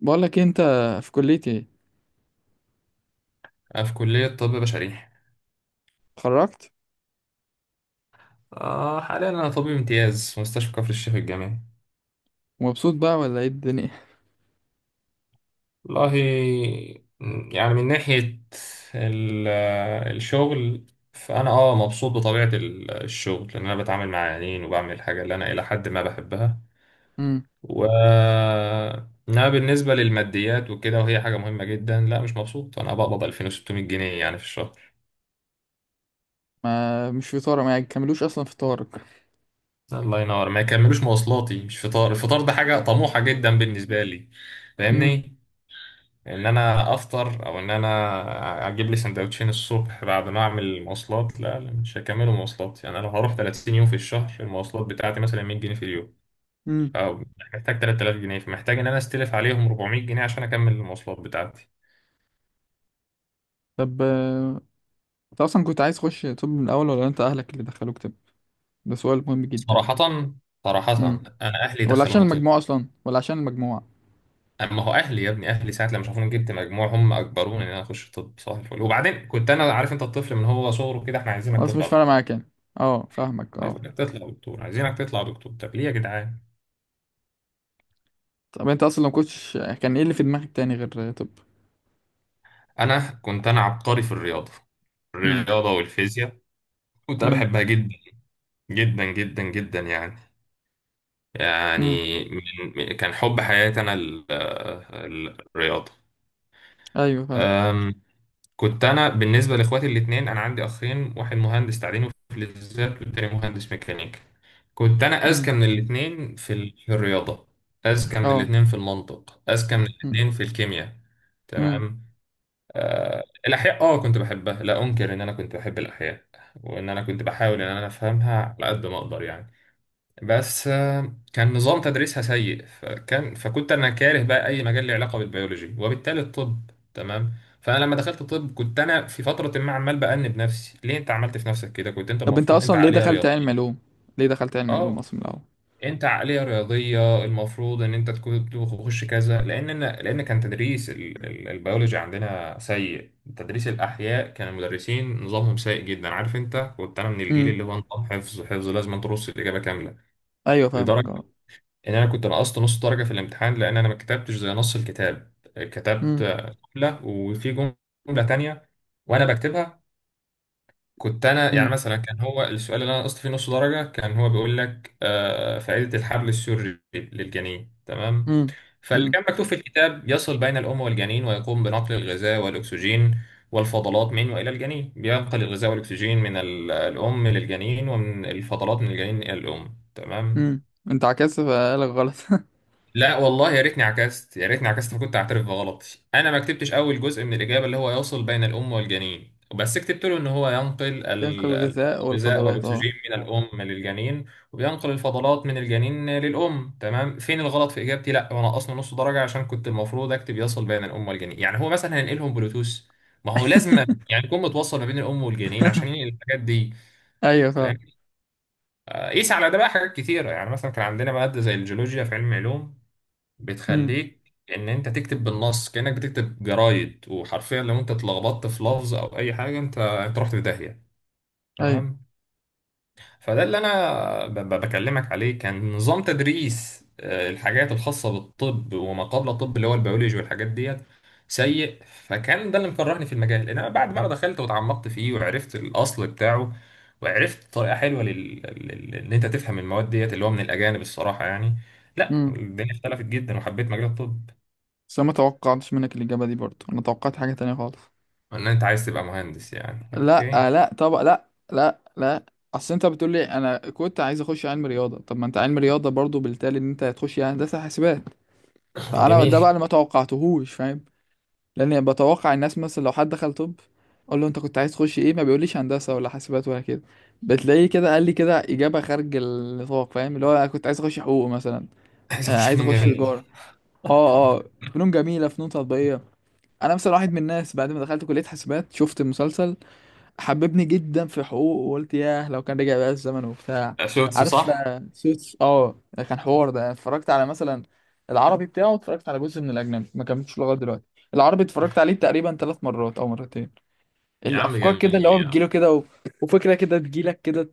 بقول لك انت في كليتي أنا في كلية طب بشري. اتخرجت. حاليا أنا طبيب امتياز في مستشفى كفر الشيخ الجامعي. ومبسوط بقى ولا ايه الدنيا؟ والله، من ناحية ال- الشغل، فأنا مبسوط بطبيعة الشغل، لأن أنا بتعامل مع عيانين وبعمل الحاجة اللي أنا إلى حد ما بحبها. امم و إنما بالنسبة للماديات وكده، وهي حاجة مهمة جدا، لا مش مبسوط. أنا بقبض 2600 جنيه يعني في الشهر. ما مش في طارق، ما يكملوش اصلا في طارق. الله ينور، ما يكملوش مواصلاتي. مش فطار، الفطار ده حاجة طموحة جدا بالنسبة لي، امم فاهمني؟ ان انا افطر او ان انا اجيب لي سندوتشين الصبح بعد ما اعمل مواصلات. لا لا، مش هكمل مواصلات. يعني انا لو هروح 30 يوم في الشهر، المواصلات بتاعتي مثلا 100 جنيه في اليوم، امم او محتاج 3000 جنيه. فمحتاج ان انا استلف عليهم 400 جنيه عشان اكمل المواصلات بتاعتي. طب انت اصلا كنت عايز تخش طب من الاول، ولا انت اهلك اللي دخلوك طب؟ ده سؤال مهم جدا. صراحة، صراحة، امم انا اهلي ولا عشان دخلوني طب. المجموع اصلا ولا عشان المجموعه؟ اما هو اهلي، يا ابني اهلي ساعة لما شافوني جبت مجموع هم اجبروني ان انا اخش طب. صح الفل. وبعدين كنت انا عارف، انت الطفل من هو صغره كده احنا عايزينك خلاص تطلع مش فارقه دكتور. معاك يعني. اه فاهمك اه. عايزينك تطلع دكتور، عايزينك تطلع دكتور، طب ليه يا جدعان؟ طب انت اصلا لو كنتش، كان ايه اللي في دماغك تاني غير طب؟ انا كنت انا عبقري في الرياضه، امم الرياضه والفيزياء. كنت انا امم بحبها جدا، جدا جدا جدا يعني امم من كان حب حياتي انا الرياضه. ايوه فاهم. أم، كنت انا بالنسبه لاخواتي الاثنين، انا عندي اخين، واحد مهندس تعدين وفلزات والتاني مهندس ميكانيكا. كنت انا اذكى امم من الاثنين في في الرياضه، اذكى من اه. الاثنين في المنطق، اذكى من الاثنين في الكيمياء. امم تمام. الأحياء كنت بحبها، لا أنكر إن أنا كنت بحب الأحياء، وإن أنا كنت بحاول إن أنا أفهمها على قد ما أقدر يعني. بس كان نظام تدريسها سيء، فكنت أنا كاره بقى أي مجال له علاقة بالبيولوجي وبالتالي الطب. تمام. فأنا لما دخلت طب كنت أنا في فترة ما عمال بأنب نفسي: ليه أنت عملت في نفسك كده؟ كنت أنت طب انت المفروض أنت اصلا ليه عقلية دخلت علم رياضية. علوم؟ ليه دخلت علم علوم آه اصلا من الاول؟ انت عقليه رياضيه المفروض ان انت تكون تخش كذا، لان أنا لان كان تدريس البيولوجي عندنا سيء. تدريس الاحياء كان المدرسين نظامهم سيء جدا. عارف انت، كنت انا من الجيل امم اللي هو نظام حفظ، حفظ لازم ترص الاجابه كامله. ايوه فاهمك لدرجه اه. ان انا كنت نقصت نص درجه في الامتحان، لان انا ما كتبتش زي نص الكتاب، كتبت امم جمله وفي جمله تانية وانا بكتبها. كنت انا يعني امم مثلا، كان هو السؤال اللي انا نقصت فيه نص درجه كان هو بيقول لك فائده الحبل السري للجنين. تمام. امم فاللي امم كان مكتوب في الكتاب: يصل بين الام والجنين، ويقوم بنقل الغذاء والاكسجين والفضلات من والى الجنين، بينقل الغذاء والاكسجين من الام للجنين ومن الفضلات من الجنين الى الام. تمام. امم انت عكست فقالك غلط. لا والله، يا ريتني عكست، يا ريتني عكست فكنت اعترف بغلطي. انا ما كتبتش اول جزء من الاجابه اللي هو يوصل بين الام والجنين، بس كتبت له ان هو ينقل ينقل الغذاء الغذاء والفضلات اه. والاكسجين من الام للجنين، وبينقل الفضلات من الجنين للام. تمام. فين الغلط في اجابتي؟ لا، وانا اصلا نص درجه عشان كنت المفروض اكتب يصل بين الام والجنين. يعني هو مثلا هينقلهم بلوتوث؟ ما هو لازم يعني يكون متوصل ما بين الام والجنين عشان ينقل الحاجات دي. ايوه فاهم. فاهم؟ قيس على ده بقى حاجات كتيره. يعني مثلا كان عندنا ماده زي الجيولوجيا في علم علوم امم بتخليك ان انت تكتب بالنص كأنك بتكتب جرايد، وحرفيا لو انت اتلخبطت في لفظ او اي حاجة، انت انت رحت في داهية. ايوه. تمام. فده اللي انا بكلمك عليه. كان نظام تدريس الحاجات الخاصة بالطب وما قبل الطب، اللي هو البيولوجي والحاجات ديت، سيء، فكان ده اللي مكرهني في المجال. انما بعد ما انا دخلت وتعمقت فيه وعرفت الاصل بتاعه، وعرفت طريقة حلوة ان انت تفهم المواد ديت، اللي هو من الاجانب الصراحة يعني، لا، امم الدنيا اختلفت جدا وحبيت مجال الطب. بس انا ما توقعتش منك الاجابه دي، برضه انا توقعت حاجه تانية خالص. ان انت عايز تبقى مهندس يعني؟ لا، اوكي. لا طبعا، لا. اصل انت بتقول لي انا كنت عايز اخش علم رياضه، طب ما انت علم رياضه برضه، بالتالي ان انت هتخش يعني هندسه حاسبات. فانا جميل. ده بقى اللي ما توقعتهوش، فاهم؟ لاني بتوقع الناس، مثلا لو حد دخل طب اقول له انت كنت عايز تخش ايه، ما بيقوليش هندسه ولا حاسبات ولا كده. بتلاقيه كده قال لي كده اجابه خارج النطاق، فاهم؟ اللي هو انا كنت عايز اخش حقوق مثلا. عايز آه، اخش عايز فنون اخش جميلة. تجاره. اه اه. فنون جميله، فنون تطبيقيه. انا مثلا واحد من الناس بعد ما دخلت كليه حاسبات، شفت مسلسل حببني جدا في حقوق، وقلت ياه لو كان رجع بقى الزمن وبتاع. شوتس عارف، صح. سوتس اه. كان حوار ده. اتفرجت على مثلا العربي بتاعه، اتفرجت على جزء من الاجنبي، ما كملتش لغايه دلوقتي. العربي اتفرجت عليه تقريبا 3 مرات او مرتين. يا عم الافكار كده اللي جميل هو يا عم. بتجيله كده وفكره كده تجيلك كده،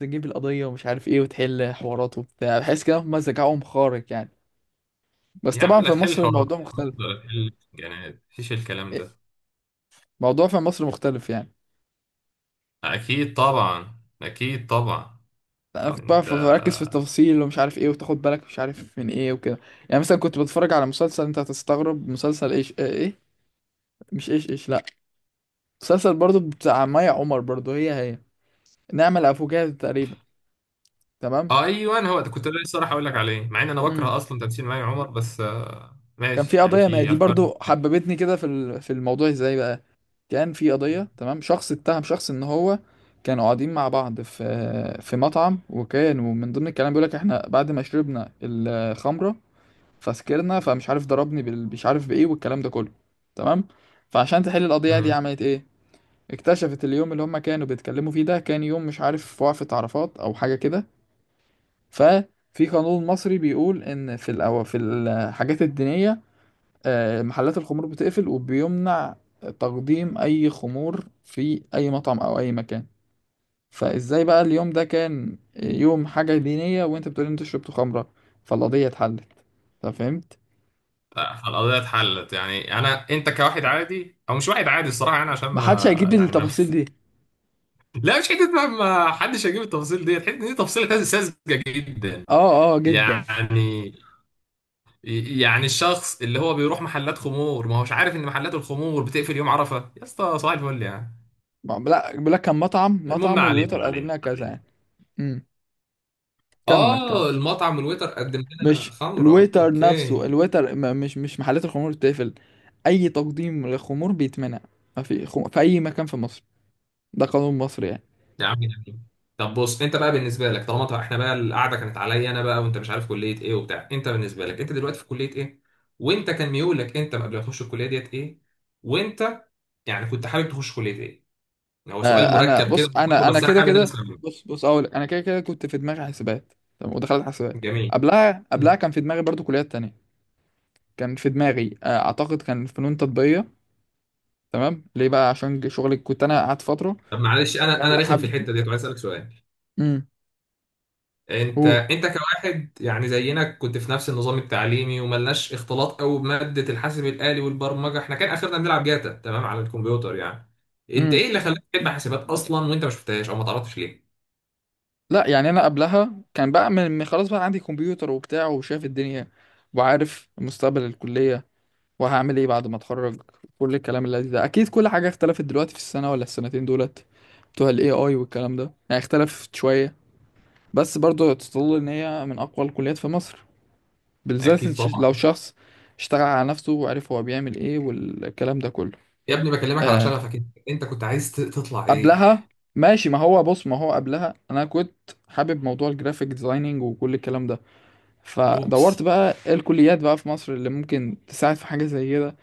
تجيب القضيه ومش عارف ايه، وتحل حوارات وبتاع. بحس كده هم ذكائهم خارق يعني. بس يا عم طبعا لا في تحل مصر حوارات الموضوع مختلف. ولا تحل جنات، مفيش الكلام إيه، ده. موضوع في مصر مختلف يعني. اكيد طبعا، اكيد طبعا. لا، انا كنت انت بعرف بركز في التفاصيل ومش عارف ايه، وتاخد بالك مش عارف من ايه وكده. يعني مثلا كنت بتفرج على مسلسل، انت هتستغرب، مسلسل ايش ايه, إيه؟ مش ايش ايش، لا. مسلسل برضو بتاع مي عمر، برضو هي هي، نعمل افوكاتو تقريبا. تمام. ايوه، أنا هو ده كنت لسه راح اقول لك عليه، مع ان انا امم بكره اصلا تمثيل مي عمر، بس كان في ماشي يعني، قضيه، ما هي في دي افكار. برضو حببتني كده في في الموضوع. ازاي بقى؟ كان في قضيه، تمام، شخص اتهم شخص ان هو، كانوا قاعدين مع بعض في في مطعم، وكانوا من ضمن الكلام بيقول لك احنا بعد ما شربنا الخمره فسكرنا، فمش عارف ضربني مش عارف بايه والكلام ده كله. تمام. فعشان تحل القضيه دي امم. عملت ايه؟ اكتشفت اليوم اللي هم كانوا بيتكلموا فيه ده كان يوم مش عارف وقفة عرفات او حاجه كده. ففي قانون مصري بيقول ان في في الحاجات الدينيه، محلات الخمور بتقفل، وبيمنع تقديم اي خمور في اي مطعم او اي مكان. فازاي بقى اليوم ده كان يوم حاجه دينيه وانت بتقول انت شربت خمره؟ فالقضيه اتحلت. طب فهمت؟ القضيه اتحلت يعني. انا، انت كواحد عادي او مش واحد عادي الصراحه يعني، عشان محدش ما هيجيب لي يعني ما التفاصيل دي. لا مش حته بقى، ما حدش هيجيب التفاصيل ديت، حته دي تفصيله ساذجه جدا اه اه جدا. يعني. يعني الشخص اللي هو بيروح محلات خمور ما هوش عارف ان محلات الخمور بتقفل يوم عرفه؟ يا اسطى صباح الفل يعني. لا، بيقول لك كان مطعم المهم، ما مطعم، علينا، والويتر ما قدم علينا، لنا ما كذا علينا. يعني. امم كمل كمل. اه، المطعم الويتر قدم لنا مش خمره، الويتر نفسه اوكي. الويتر، مش مش محلات الخمور بتقفل، اي تقديم للخمور بيتمنع ما في في اي مكان في مصر، ده قانون مصري يعني. يا عم جميل. طب بص، انت بقى بالنسبه لك، طالما طبعا احنا بقى القعده كانت عليا انا بقى وانت مش عارف كليه ايه وبتاع، انت بالنسبه لك انت دلوقتي في كليه ايه؟ وانت كان ميولك انت قبل ما تخش الكليه ديت ايه؟ وانت يعني كنت حابب تخش كليه ايه؟ يعني هو سؤال آه، انا مركب كده. بص، انا انا بس انا كده حابب ان انا كده، اسمع منك. بص، اقول لك، انا كده كده كنت في دماغي حسابات. تمام، ودخلت حسابات. جميل. قبلها قبلها مم. كان في دماغي برضو كليات تانية. كان في دماغي آه اعتقد كان فنون تطبيقية. تمام، ليه بقى؟ عشان شغلي، كنت انا قعدت فترة طب معلش، انا شغال رخم في حب. الحته ديت وعايز اسالك سؤال. امم انت قول. انت كواحد يعني زينا كنت في نفس النظام التعليمي، وملناش اختلاط قوي بماده الحاسب الالي والبرمجه، احنا كان اخرنا بنلعب جاتا تمام على الكمبيوتر يعني. انت امم ايه اللي خلاك تحب حاسبات اصلا وانت ما شفتهاش، او ما تعرفش ليه؟ لا، يعني انا قبلها كان بقى خلاص بقى عندي كمبيوتر وبتاع، وشايف الدنيا، وعارف مستقبل الكلية، وهعمل ايه بعد ما اتخرج. كل الكلام اللي ده، اكيد كل حاجة اختلفت دلوقتي في السنة ولا السنتين دولت بتوع الاي اي والكلام ده، يعني اختلفت شوية. بس برضه تظل ان هي من اقوى الكليات في مصر، بالذات اكيد طبعا. لو شخص اشتغل على نفسه وعرف هو بيعمل ايه والكلام ده كله. يا ابني بكلمك على آه، شغفك، انت كنت عايز تطلع ايه؟ قبلها، ماشي، ما هو بص، ما هو قبلها انا كنت حابب موضوع الجرافيك ديزايننج وكل الكلام ده. فدورت اوبس. بقى إيه الكليات بقى في مصر اللي ممكن تساعد في حاجة زي كده.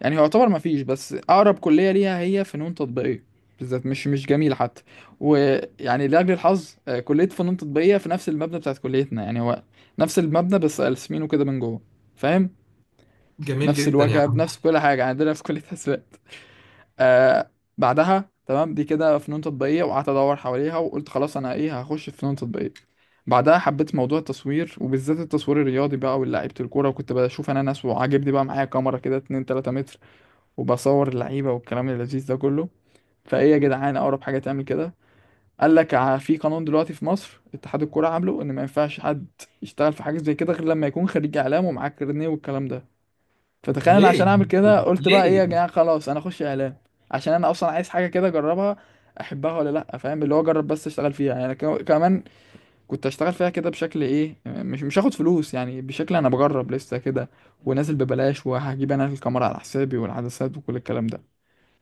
يعني هو يعتبر ما فيش، بس اقرب كلية ليها هي فنون تطبيقية، بالذات مش مش جميل حتى. ويعني لأجل الحظ، كلية فنون تطبيقية في نفس المبنى بتاعت كليتنا، يعني هو نفس المبنى بس قلسمينه كده من جوه. فاهم؟ جميل نفس جدا يا الواجهة عم. بنفس كل حاجة عندنا في كلية حسابات. آه، بعدها، تمام، دي كده فنون تطبيقية، وقعدت أدور حواليها وقلت خلاص أنا إيه، هخش في فنون تطبيقية. بعدها حبيت موضوع التصوير، وبالذات التصوير الرياضي بقى، واللعيبة الكورة، وكنت بشوف أنا ناس، وعاجبني بقى معايا كاميرا كده 2 3 متر وبصور اللعيبة والكلام اللذيذ ده كله. فإيه يا جدعان أقرب حاجة تعمل كده؟ قال لك في قانون دلوقتي في مصر، اتحاد الكورة عامله إن ما ينفعش حد يشتغل في حاجة زي كده غير لما يكون خريج إعلام ومعاه كارنيه والكلام ده. فتخيل انا عشان ليه؟ اعمل كده قلت بقى ايه يا ليه؟ جماعه، خلاص انا اخش اعلام، عشان انا اصلا عايز حاجه كده اجربها، احبها ولا لا. فاهم؟ اللي هو اجرب، بس اشتغل فيها، يعني أنا كمان كنت اشتغل فيها كده بشكل ايه، مش مش هاخد فلوس، يعني بشكل انا بجرب لسه كده، ونازل ببلاش، وهجيب انا الكاميرا على حسابي والعدسات وكل الكلام ده.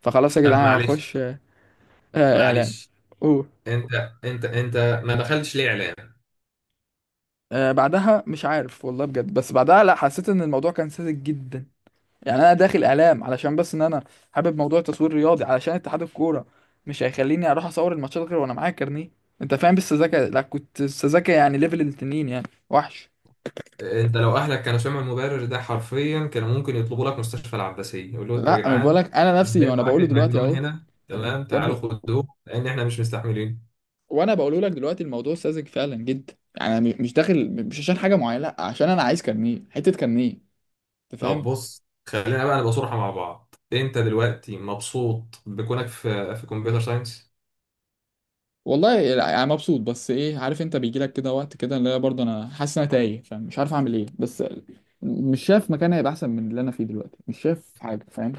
فخلاص يا طب جدعان معلش، هخش اعلام. معلش. اوه. انت انت ما دخلتش ليه اعلام؟ آه، بعدها مش عارف والله بجد، بس بعدها لا، حسيت ان الموضوع كان ساذج جدا. يعني انا داخل اعلام علشان بس ان انا حابب موضوع تصوير رياضي، علشان اتحاد الكوره مش هيخليني اروح اصور الماتشات غير وانا معايا كارنيه. انت فاهم بالسذاكه؟ لا، كنت السذاكه يعني ليفل التنين يعني، وحش. انت لو اهلك كانوا سمعوا المبرر ده حرفيا كانوا ممكن يطلبوا لك مستشفى العباسيه، يقولوا يا لا، انا بقول جدعان لك انا نفسي عندنا وانا واحد بقوله دلوقتي مجنون اهو. هنا، تمام يا تعالوا ابني، خدوه لان احنا مش مستحملين. وانا بقوله لك دلوقتي الموضوع ساذج فعلا جدا، يعني انا مش داخل مش عشان حاجه معينه، لا عشان انا عايز كارنيه، حته كارنيه. انت طب فاهم؟ بص، خلينا بقى نبقى صراحه مع بعض، انت دلوقتي مبسوط بكونك في كمبيوتر ساينس؟ والله يعني مبسوط، بس ايه، عارف انت بيجي لك كده وقت كده اللي هي برضه انا حاسس ان انا تايه، فمش عارف اعمل ايه، بس مش شايف مكان هيبقى احسن من اللي انا فيه دلوقتي. مش شايف حاجه، فاهم؟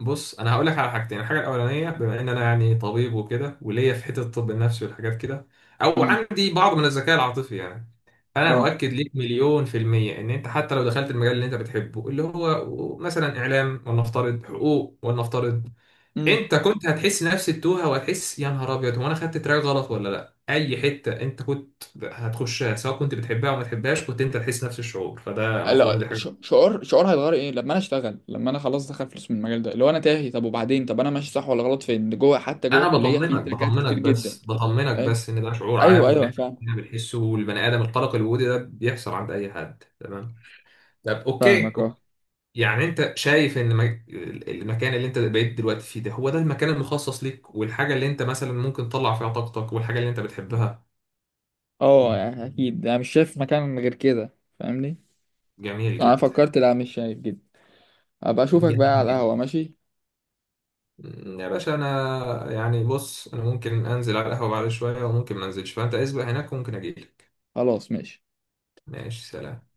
بص انا هقول لك على حاجتين. الحاجه الاولانيه، بما ان انا يعني طبيب وكده وليا في حته الطب النفسي والحاجات كده، او امم عندي بعض من الذكاء العاطفي يعني، انا اه. اؤكد ليك مليون في الميه ان انت حتى لو دخلت المجال اللي انت بتحبه، اللي هو مثلا اعلام، ولنفترض حقوق، ولنفترض، امم انت كنت هتحس نفس التوهه وهتحس يا نهار ابيض هو انا خدت تراك غلط ولا لا. اي حته انت كنت هتخشها سواء كنت بتحبها او ما تحبهاش كنت انت تحس نفس الشعور. فده المفروض لا، إن دي حاجه. شعور شعور هيتغير ايه لما انا اشتغل، لما انا خلاص دخل فلوس من المجال ده اللي هو انا تاهي طب؟ وبعدين طب انا ماشي صح ولا غلط؟ فين جوه، حتى جوه انا الكليه في بطمنك، تركات كتير بطمنك جدا. بس، بطمنك فاهم؟ بس، ان ده شعور ايوه عام وان ايوه احنا فاهم. كلنا بنحسه، والبني ادم القلق الوجودي ده بيحصل عند اي حد. تمام. طب اوكي، فاهمك اه. أوكي. يعني انت شايف ان المكان اللي انت بقيت دلوقتي فيه ده هو ده المكان المخصص ليك، والحاجه اللي انت مثلا ممكن تطلع فيها طاقتك، والحاجه اللي انت بتحبها؟ اه، يعني اكيد انا مش شايف مكان غير كده، فاهمني؟ جميل يعني انا جدا. فكرت، لا مش شايف جدا. ابقى اشوفك بقى جميل على جدا. القهوة، ماشي؟ يا باشا انا يعني بص، انا ممكن انزل على القهوه بعد شويه وممكن ما انزلش، فانت اسبق هناك وممكن اجيلك. خلاص ماشي. ماشي، سلام.